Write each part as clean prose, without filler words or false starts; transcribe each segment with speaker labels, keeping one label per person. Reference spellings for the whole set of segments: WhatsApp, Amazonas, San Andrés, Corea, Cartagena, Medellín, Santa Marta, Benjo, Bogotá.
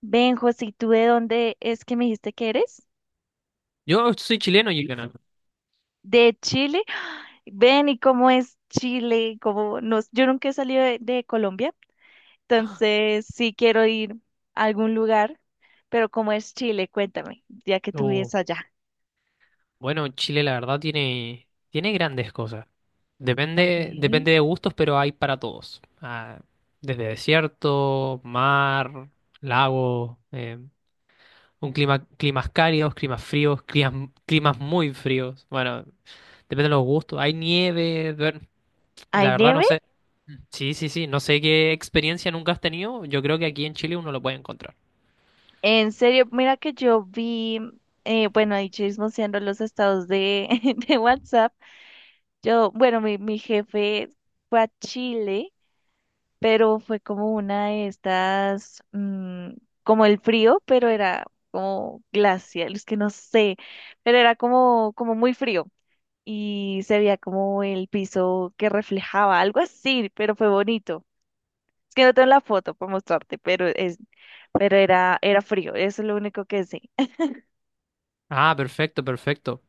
Speaker 1: Benjo, si tú ¿de dónde es que me dijiste que eres?
Speaker 2: Yo soy chileno y canal.
Speaker 1: ¿De Chile? Ven, ¿y cómo es Chile? ¿Cómo nos... Yo nunca he salido de Colombia, entonces sí quiero ir a algún lugar, pero ¿cómo es Chile? Cuéntame, ya que tú
Speaker 2: Uh,
Speaker 1: vives allá.
Speaker 2: bueno, Chile la verdad tiene grandes cosas. Depende,
Speaker 1: Okay.
Speaker 2: depende de gustos, pero hay para todos. Desde desierto, mar, lago, un climas cálidos, climas fríos, climas muy fríos. Bueno, depende de los gustos. Hay nieve, la
Speaker 1: ¿Hay
Speaker 2: verdad no
Speaker 1: nieve?
Speaker 2: sé. Sí, sí, sí, no sé qué experiencia nunca has tenido. Yo creo que aquí en Chile uno lo puede encontrar.
Speaker 1: En serio, mira que yo vi, bueno, ahí chismoseando los estados de, de WhatsApp. Yo, bueno, mi jefe fue a Chile, pero fue como una de estas, como el frío, pero era como glacial, es que no sé, pero era como, como muy frío y se veía como el piso que reflejaba, algo así, pero fue bonito. Es que no tengo la foto para mostrarte, pero es, pero era, era frío, eso es lo único que sé.
Speaker 2: Ah, perfecto, perfecto.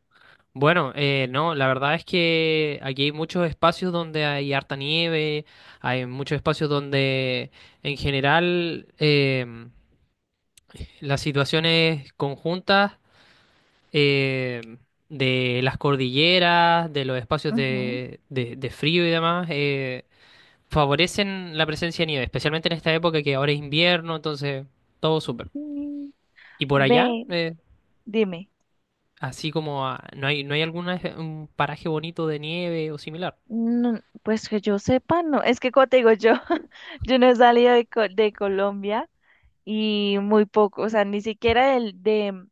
Speaker 2: Bueno, no, la verdad es que aquí hay muchos espacios donde hay harta nieve, hay muchos espacios donde en general las situaciones conjuntas em, de las cordilleras, de los espacios
Speaker 1: Ujú.
Speaker 2: de frío y demás, favorecen la presencia de nieve, especialmente en esta época que ahora es invierno, entonces todo súper.
Speaker 1: Sí.
Speaker 2: ¿Y por allá?
Speaker 1: Ve, dime.
Speaker 2: Así como no hay, no hay algún paraje bonito de nieve o similar.
Speaker 1: No, pues que yo sepa, no. Es que como te digo yo, yo no he salido de, Co- de Colombia y muy poco, o sea, ni siquiera del- de,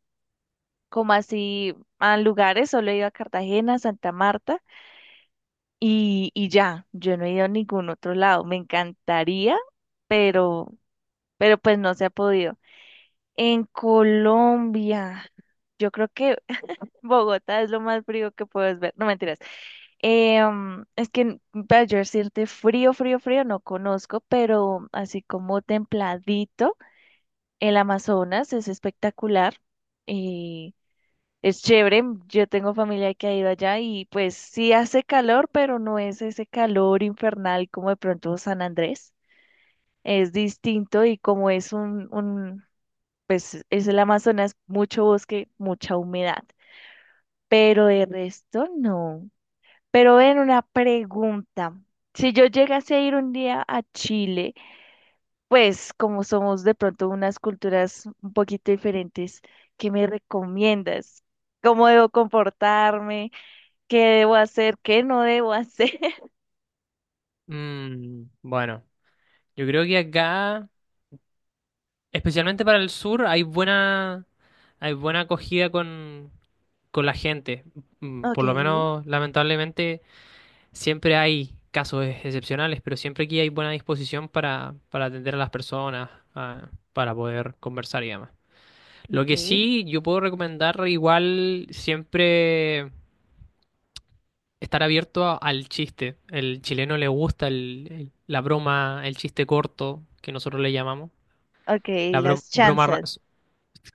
Speaker 1: como así a lugares, solo he ido a Cartagena, Santa Marta y ya, yo no he ido a ningún otro lado. Me encantaría, pero, pero pues no se ha podido. En Colombia, yo creo que Bogotá es lo más frío que puedes ver. No, mentiras. Es que para yo decirte frío, frío, frío, no conozco, pero así como templadito, el Amazonas es espectacular y es chévere. Yo tengo familia que ha ido allá y pues sí hace calor, pero no es ese calor infernal como de pronto San Andrés. Es distinto y como es pues es el Amazonas, mucho bosque, mucha humedad, pero de resto no. Pero ven, una pregunta. Si yo llegase a ir un día a Chile, pues como somos de pronto unas culturas un poquito diferentes, ¿qué me recomiendas? ¿Cómo debo comportarme? ¿Qué debo hacer? ¿Qué no debo hacer?
Speaker 2: Bueno, yo creo que acá, especialmente para el sur, hay buena acogida con la gente.
Speaker 1: Ok,
Speaker 2: Por lo menos, lamentablemente, siempre hay casos excepcionales, pero siempre aquí hay buena disposición para atender a las personas, para poder conversar y demás. Lo
Speaker 1: ok,
Speaker 2: que sí, yo puedo recomendar igual siempre estar abierto al chiste. El chileno le gusta la broma, el chiste corto, que nosotros le llamamos.
Speaker 1: ok,
Speaker 2: La
Speaker 1: las
Speaker 2: broma,
Speaker 1: chanzas.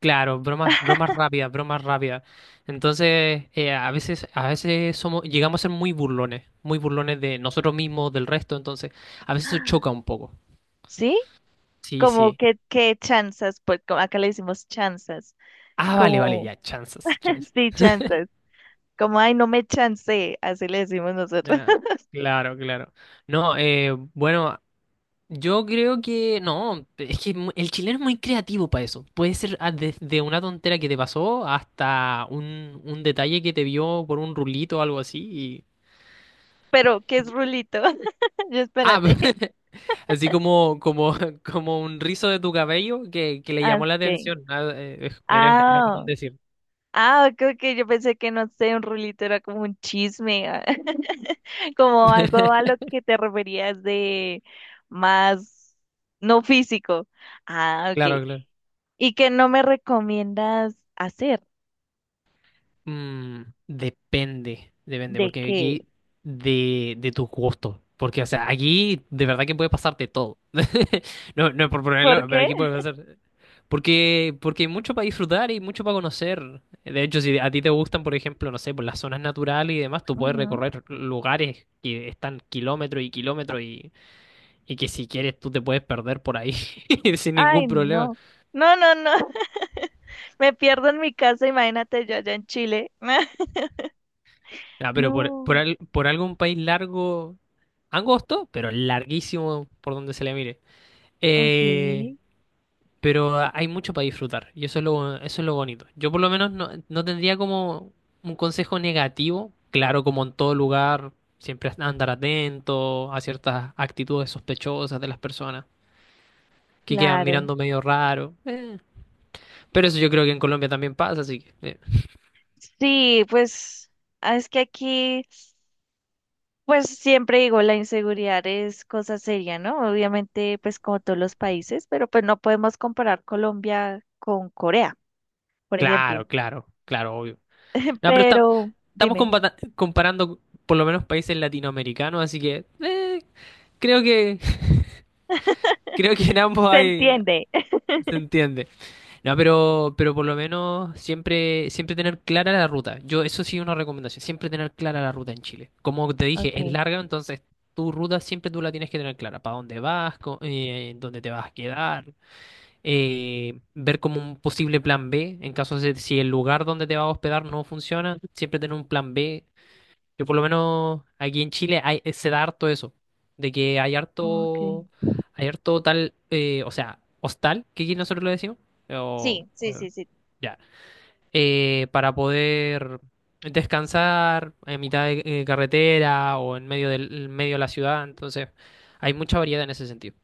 Speaker 2: claro, bromas, bromas rápidas, bromas rápidas. Entonces, a veces somos, llegamos a ser muy burlones de nosotros mismos, del resto, entonces, a veces eso choca un poco.
Speaker 1: ¿Sí?
Speaker 2: Sí,
Speaker 1: Como
Speaker 2: sí.
Speaker 1: que, qué chanzas, pues como acá le decimos chanzas,
Speaker 2: Ah, vale, vale,
Speaker 1: como,
Speaker 2: ya, chances, chances.
Speaker 1: sí, chanzas, como, ay, no me chancé, así le decimos nosotros.
Speaker 2: Ya, claro, claro. No, bueno, yo creo que no, es que el chileno es muy creativo para eso. Puede ser ah, desde una tontera que te pasó hasta un detalle que te vio por un rulito o algo así.
Speaker 1: Pero ¿qué es rulito? Yo
Speaker 2: Ah,
Speaker 1: espérate.
Speaker 2: así como, como, como un rizo de tu cabello que le
Speaker 1: Ah,
Speaker 2: llamó la
Speaker 1: ok.
Speaker 2: atención. Ah, era, era como un
Speaker 1: Ah,
Speaker 2: decir.
Speaker 1: ah, ok, ok, yo pensé que no sé, un rulito era como un chisme, ah, como algo a lo que te referías de más, no físico. Ah, ok.
Speaker 2: Claro, claro.
Speaker 1: ¿Y qué no me recomiendas hacer?
Speaker 2: Mm, depende, depende,
Speaker 1: ¿De
Speaker 2: porque
Speaker 1: qué?
Speaker 2: aquí de tus gustos. Porque, o sea, aquí de verdad que puede pasarte todo. No, no es por
Speaker 1: ¿Por
Speaker 2: ponerlo, pero
Speaker 1: qué?
Speaker 2: aquí puede pasar. Porque, porque hay mucho para disfrutar y mucho para conocer. De hecho, si a ti te gustan, por ejemplo, no sé, por las zonas naturales y demás, tú puedes
Speaker 1: Ujú.
Speaker 2: recorrer lugares que están kilómetros y kilómetros y que si quieres tú te puedes perder por ahí sin ningún
Speaker 1: Ay,
Speaker 2: problema.
Speaker 1: no. No, no, no. Me pierdo en mi casa, imagínate yo allá en Chile.
Speaker 2: Ah, pero
Speaker 1: No.
Speaker 2: por algo país largo, angosto, pero larguísimo por donde se le mire.
Speaker 1: Ok,
Speaker 2: Eh, pero hay mucho para disfrutar y eso es lo bonito. Yo por lo menos no, no tendría como un consejo negativo. Claro, como en todo lugar, siempre andar atento a ciertas actitudes sospechosas de las personas que quedan
Speaker 1: claro.
Speaker 2: mirando medio raro. Eh. Pero eso yo creo que en Colombia también pasa, así que...
Speaker 1: Sí, pues ah, es que aquí, pues siempre digo, la inseguridad es cosa seria, ¿no? Obviamente, pues como todos los países, pero pues no podemos comparar Colombia con Corea, por ejemplo.
Speaker 2: claro, claro, claro, obvio. No, pero
Speaker 1: Pero,
Speaker 2: estamos
Speaker 1: dime,
Speaker 2: comparando por lo menos países latinoamericanos, así que creo que creo que en ambos
Speaker 1: ¿se
Speaker 2: hay
Speaker 1: entiende?
Speaker 2: se entiende. No, pero por lo menos siempre tener clara la ruta. Yo eso sí una recomendación, siempre tener clara la ruta en Chile. Como te dije, es
Speaker 1: Ok,
Speaker 2: larga, entonces tu ruta siempre tú la tienes que tener clara, para dónde vas, dónde te vas a quedar, ver como un posible plan B en caso de si el lugar donde te vas a hospedar no funciona, siempre tener un plan B que por lo menos aquí en Chile hay, se da harto eso, de que
Speaker 1: ok.
Speaker 2: hay harto tal, o sea, hostal, que aquí nosotros lo decimos, o,
Speaker 1: Sí, sí,
Speaker 2: eh,
Speaker 1: sí, sí.
Speaker 2: ya, para poder descansar en mitad de carretera o en medio de la ciudad, entonces hay mucha variedad en ese sentido.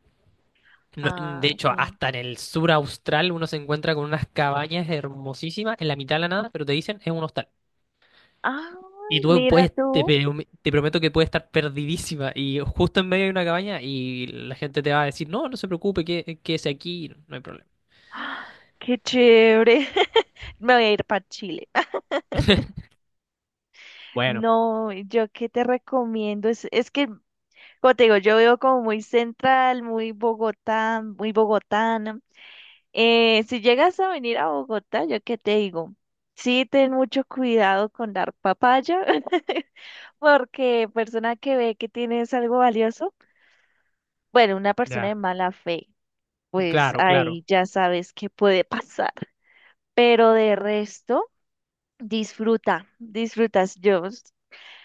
Speaker 2: No, de
Speaker 1: Ah,
Speaker 2: hecho,
Speaker 1: ok.
Speaker 2: hasta en el sur austral uno se encuentra con unas cabañas hermosísimas en la mitad de la nada, pero te dicen es un hostal.
Speaker 1: Ay,
Speaker 2: Y tú
Speaker 1: mira
Speaker 2: puedes,
Speaker 1: tú.
Speaker 2: te prometo que puedes estar perdidísima y justo en medio de una cabaña y la gente te va a decir, no, no se preocupe, que, quédese aquí, no hay problema.
Speaker 1: Ah, qué chévere. Me voy a ir para Chile.
Speaker 2: Bueno,
Speaker 1: No, yo qué te recomiendo es que como te digo, yo veo como muy central, muy Bogotá, muy bogotana. Si llegas a venir a Bogotá, yo qué te digo, sí ten mucho cuidado con dar papaya, porque persona que ve que tienes algo valioso, bueno, una persona de
Speaker 2: ya,
Speaker 1: mala fe, pues
Speaker 2: claro, claro.
Speaker 1: ahí ya sabes qué puede pasar. Pero de resto, disfruta, disfrutas yo.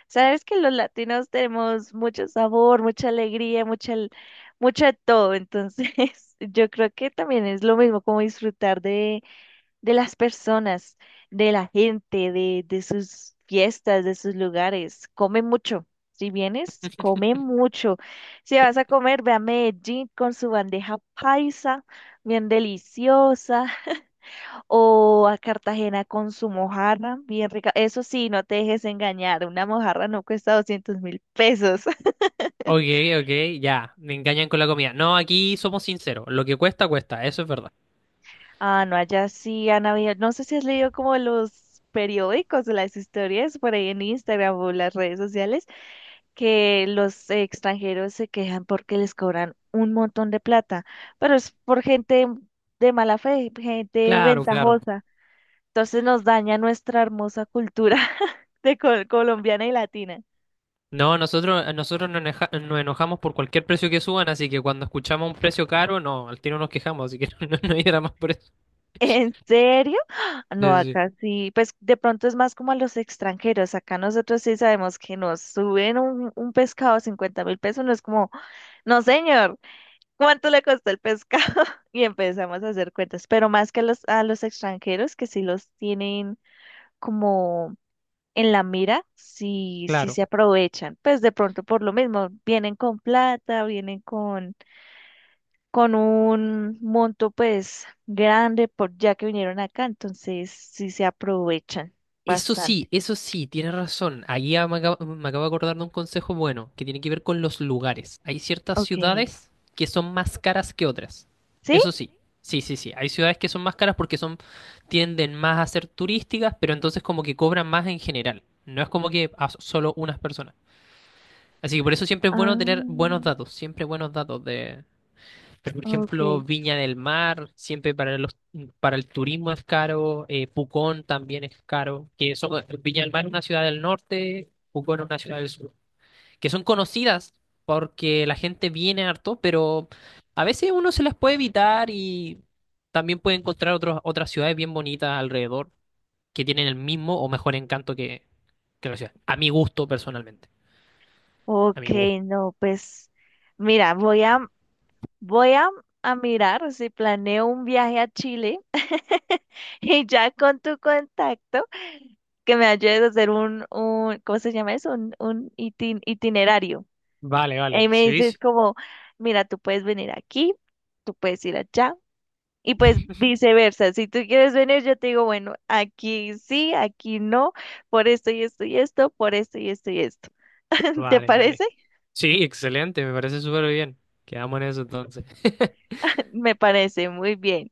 Speaker 1: Sabes que los latinos tenemos mucho sabor, mucha alegría, mucha, al- mucho de todo. Entonces, yo creo que también es lo mismo como disfrutar de las personas, de la gente, de sus fiestas, de sus lugares. Come mucho. Si vienes, come mucho. Si vas a comer, ve a Medellín con su bandeja paisa, bien deliciosa, o a Cartagena con su mojarra, bien rica. Eso sí, no te dejes engañar, una mojarra no cuesta 200.000 pesos.
Speaker 2: Ok, ok, ya, me engañan con la comida. No, aquí somos sinceros, lo que cuesta, cuesta, eso es verdad.
Speaker 1: Ah, no, allá sí han habido, no sé si has leído como los periódicos o las historias por ahí en Instagram o las redes sociales, que los extranjeros se quejan porque les cobran un montón de plata, pero es por gente de mala fe, gente
Speaker 2: Claro, claro.
Speaker 1: ventajosa. Entonces nos daña nuestra hermosa cultura de col- colombiana y latina.
Speaker 2: No, nosotros nos enojamos por cualquier precio que suban, así que cuando escuchamos un precio caro, no, al tiro nos quejamos, así que no, no hay drama por eso.
Speaker 1: ¿En serio?
Speaker 2: Sí,
Speaker 1: No,
Speaker 2: sí, sí,
Speaker 1: acá sí, pues de pronto es más como a los extranjeros. Acá nosotros sí sabemos que nos suben un pescado a 50 mil pesos. No es como, no señor, ¿cuánto le costó el pescado? Y empezamos a hacer cuentas, pero más que a a los extranjeros que sí los tienen como en la mira, sí, sí
Speaker 2: claro.
Speaker 1: se aprovechan. Pues de pronto por lo mismo, vienen con plata, vienen con un monto pues grande por ya que vinieron acá, entonces sí se aprovechan bastante.
Speaker 2: Eso sí, tienes razón. Ahí ya me acabo de acordar de un consejo bueno, que tiene que ver con los lugares. Hay ciertas
Speaker 1: Ok.
Speaker 2: ciudades que son más caras que otras.
Speaker 1: ¿Sí?
Speaker 2: Eso sí, sí, sí, sí. Hay ciudades que son más caras porque son, tienden más a ser turísticas, pero entonces como que cobran más en general. No es como que a solo unas personas. Así que por eso siempre es bueno tener buenos
Speaker 1: Ah,
Speaker 2: datos, siempre buenos datos de pero, por
Speaker 1: ok.
Speaker 2: ejemplo, Viña del Mar, siempre para los para el turismo es caro, Pucón también es caro, que son, Viña del Mar es una ciudad del norte, Pucón es una ciudad del sur, que son conocidas porque la gente viene harto, pero a veces uno se las puede evitar y también puede encontrar otras ciudades bien bonitas alrededor que tienen el mismo o mejor encanto que la ciudad. A mi gusto, personalmente. A
Speaker 1: Ok,
Speaker 2: mi gusto.
Speaker 1: no, pues mira, voy a voy a mirar si planeo un viaje a Chile y ya con tu contacto que me ayudes a hacer un ¿cómo se llama eso? Un itin- itinerario.
Speaker 2: Vale, vale.
Speaker 1: Y me
Speaker 2: Sí, sí.
Speaker 1: dices como, mira, tú puedes venir aquí, tú puedes ir allá. Y pues viceversa, si tú quieres venir, yo te digo, bueno, aquí sí, aquí no, por esto y esto y esto, por esto y esto y esto. ¿Te
Speaker 2: Vale,
Speaker 1: parece?
Speaker 2: vale. Sí, excelente, me parece súper bien. Quedamos en eso entonces.
Speaker 1: Me parece muy bien.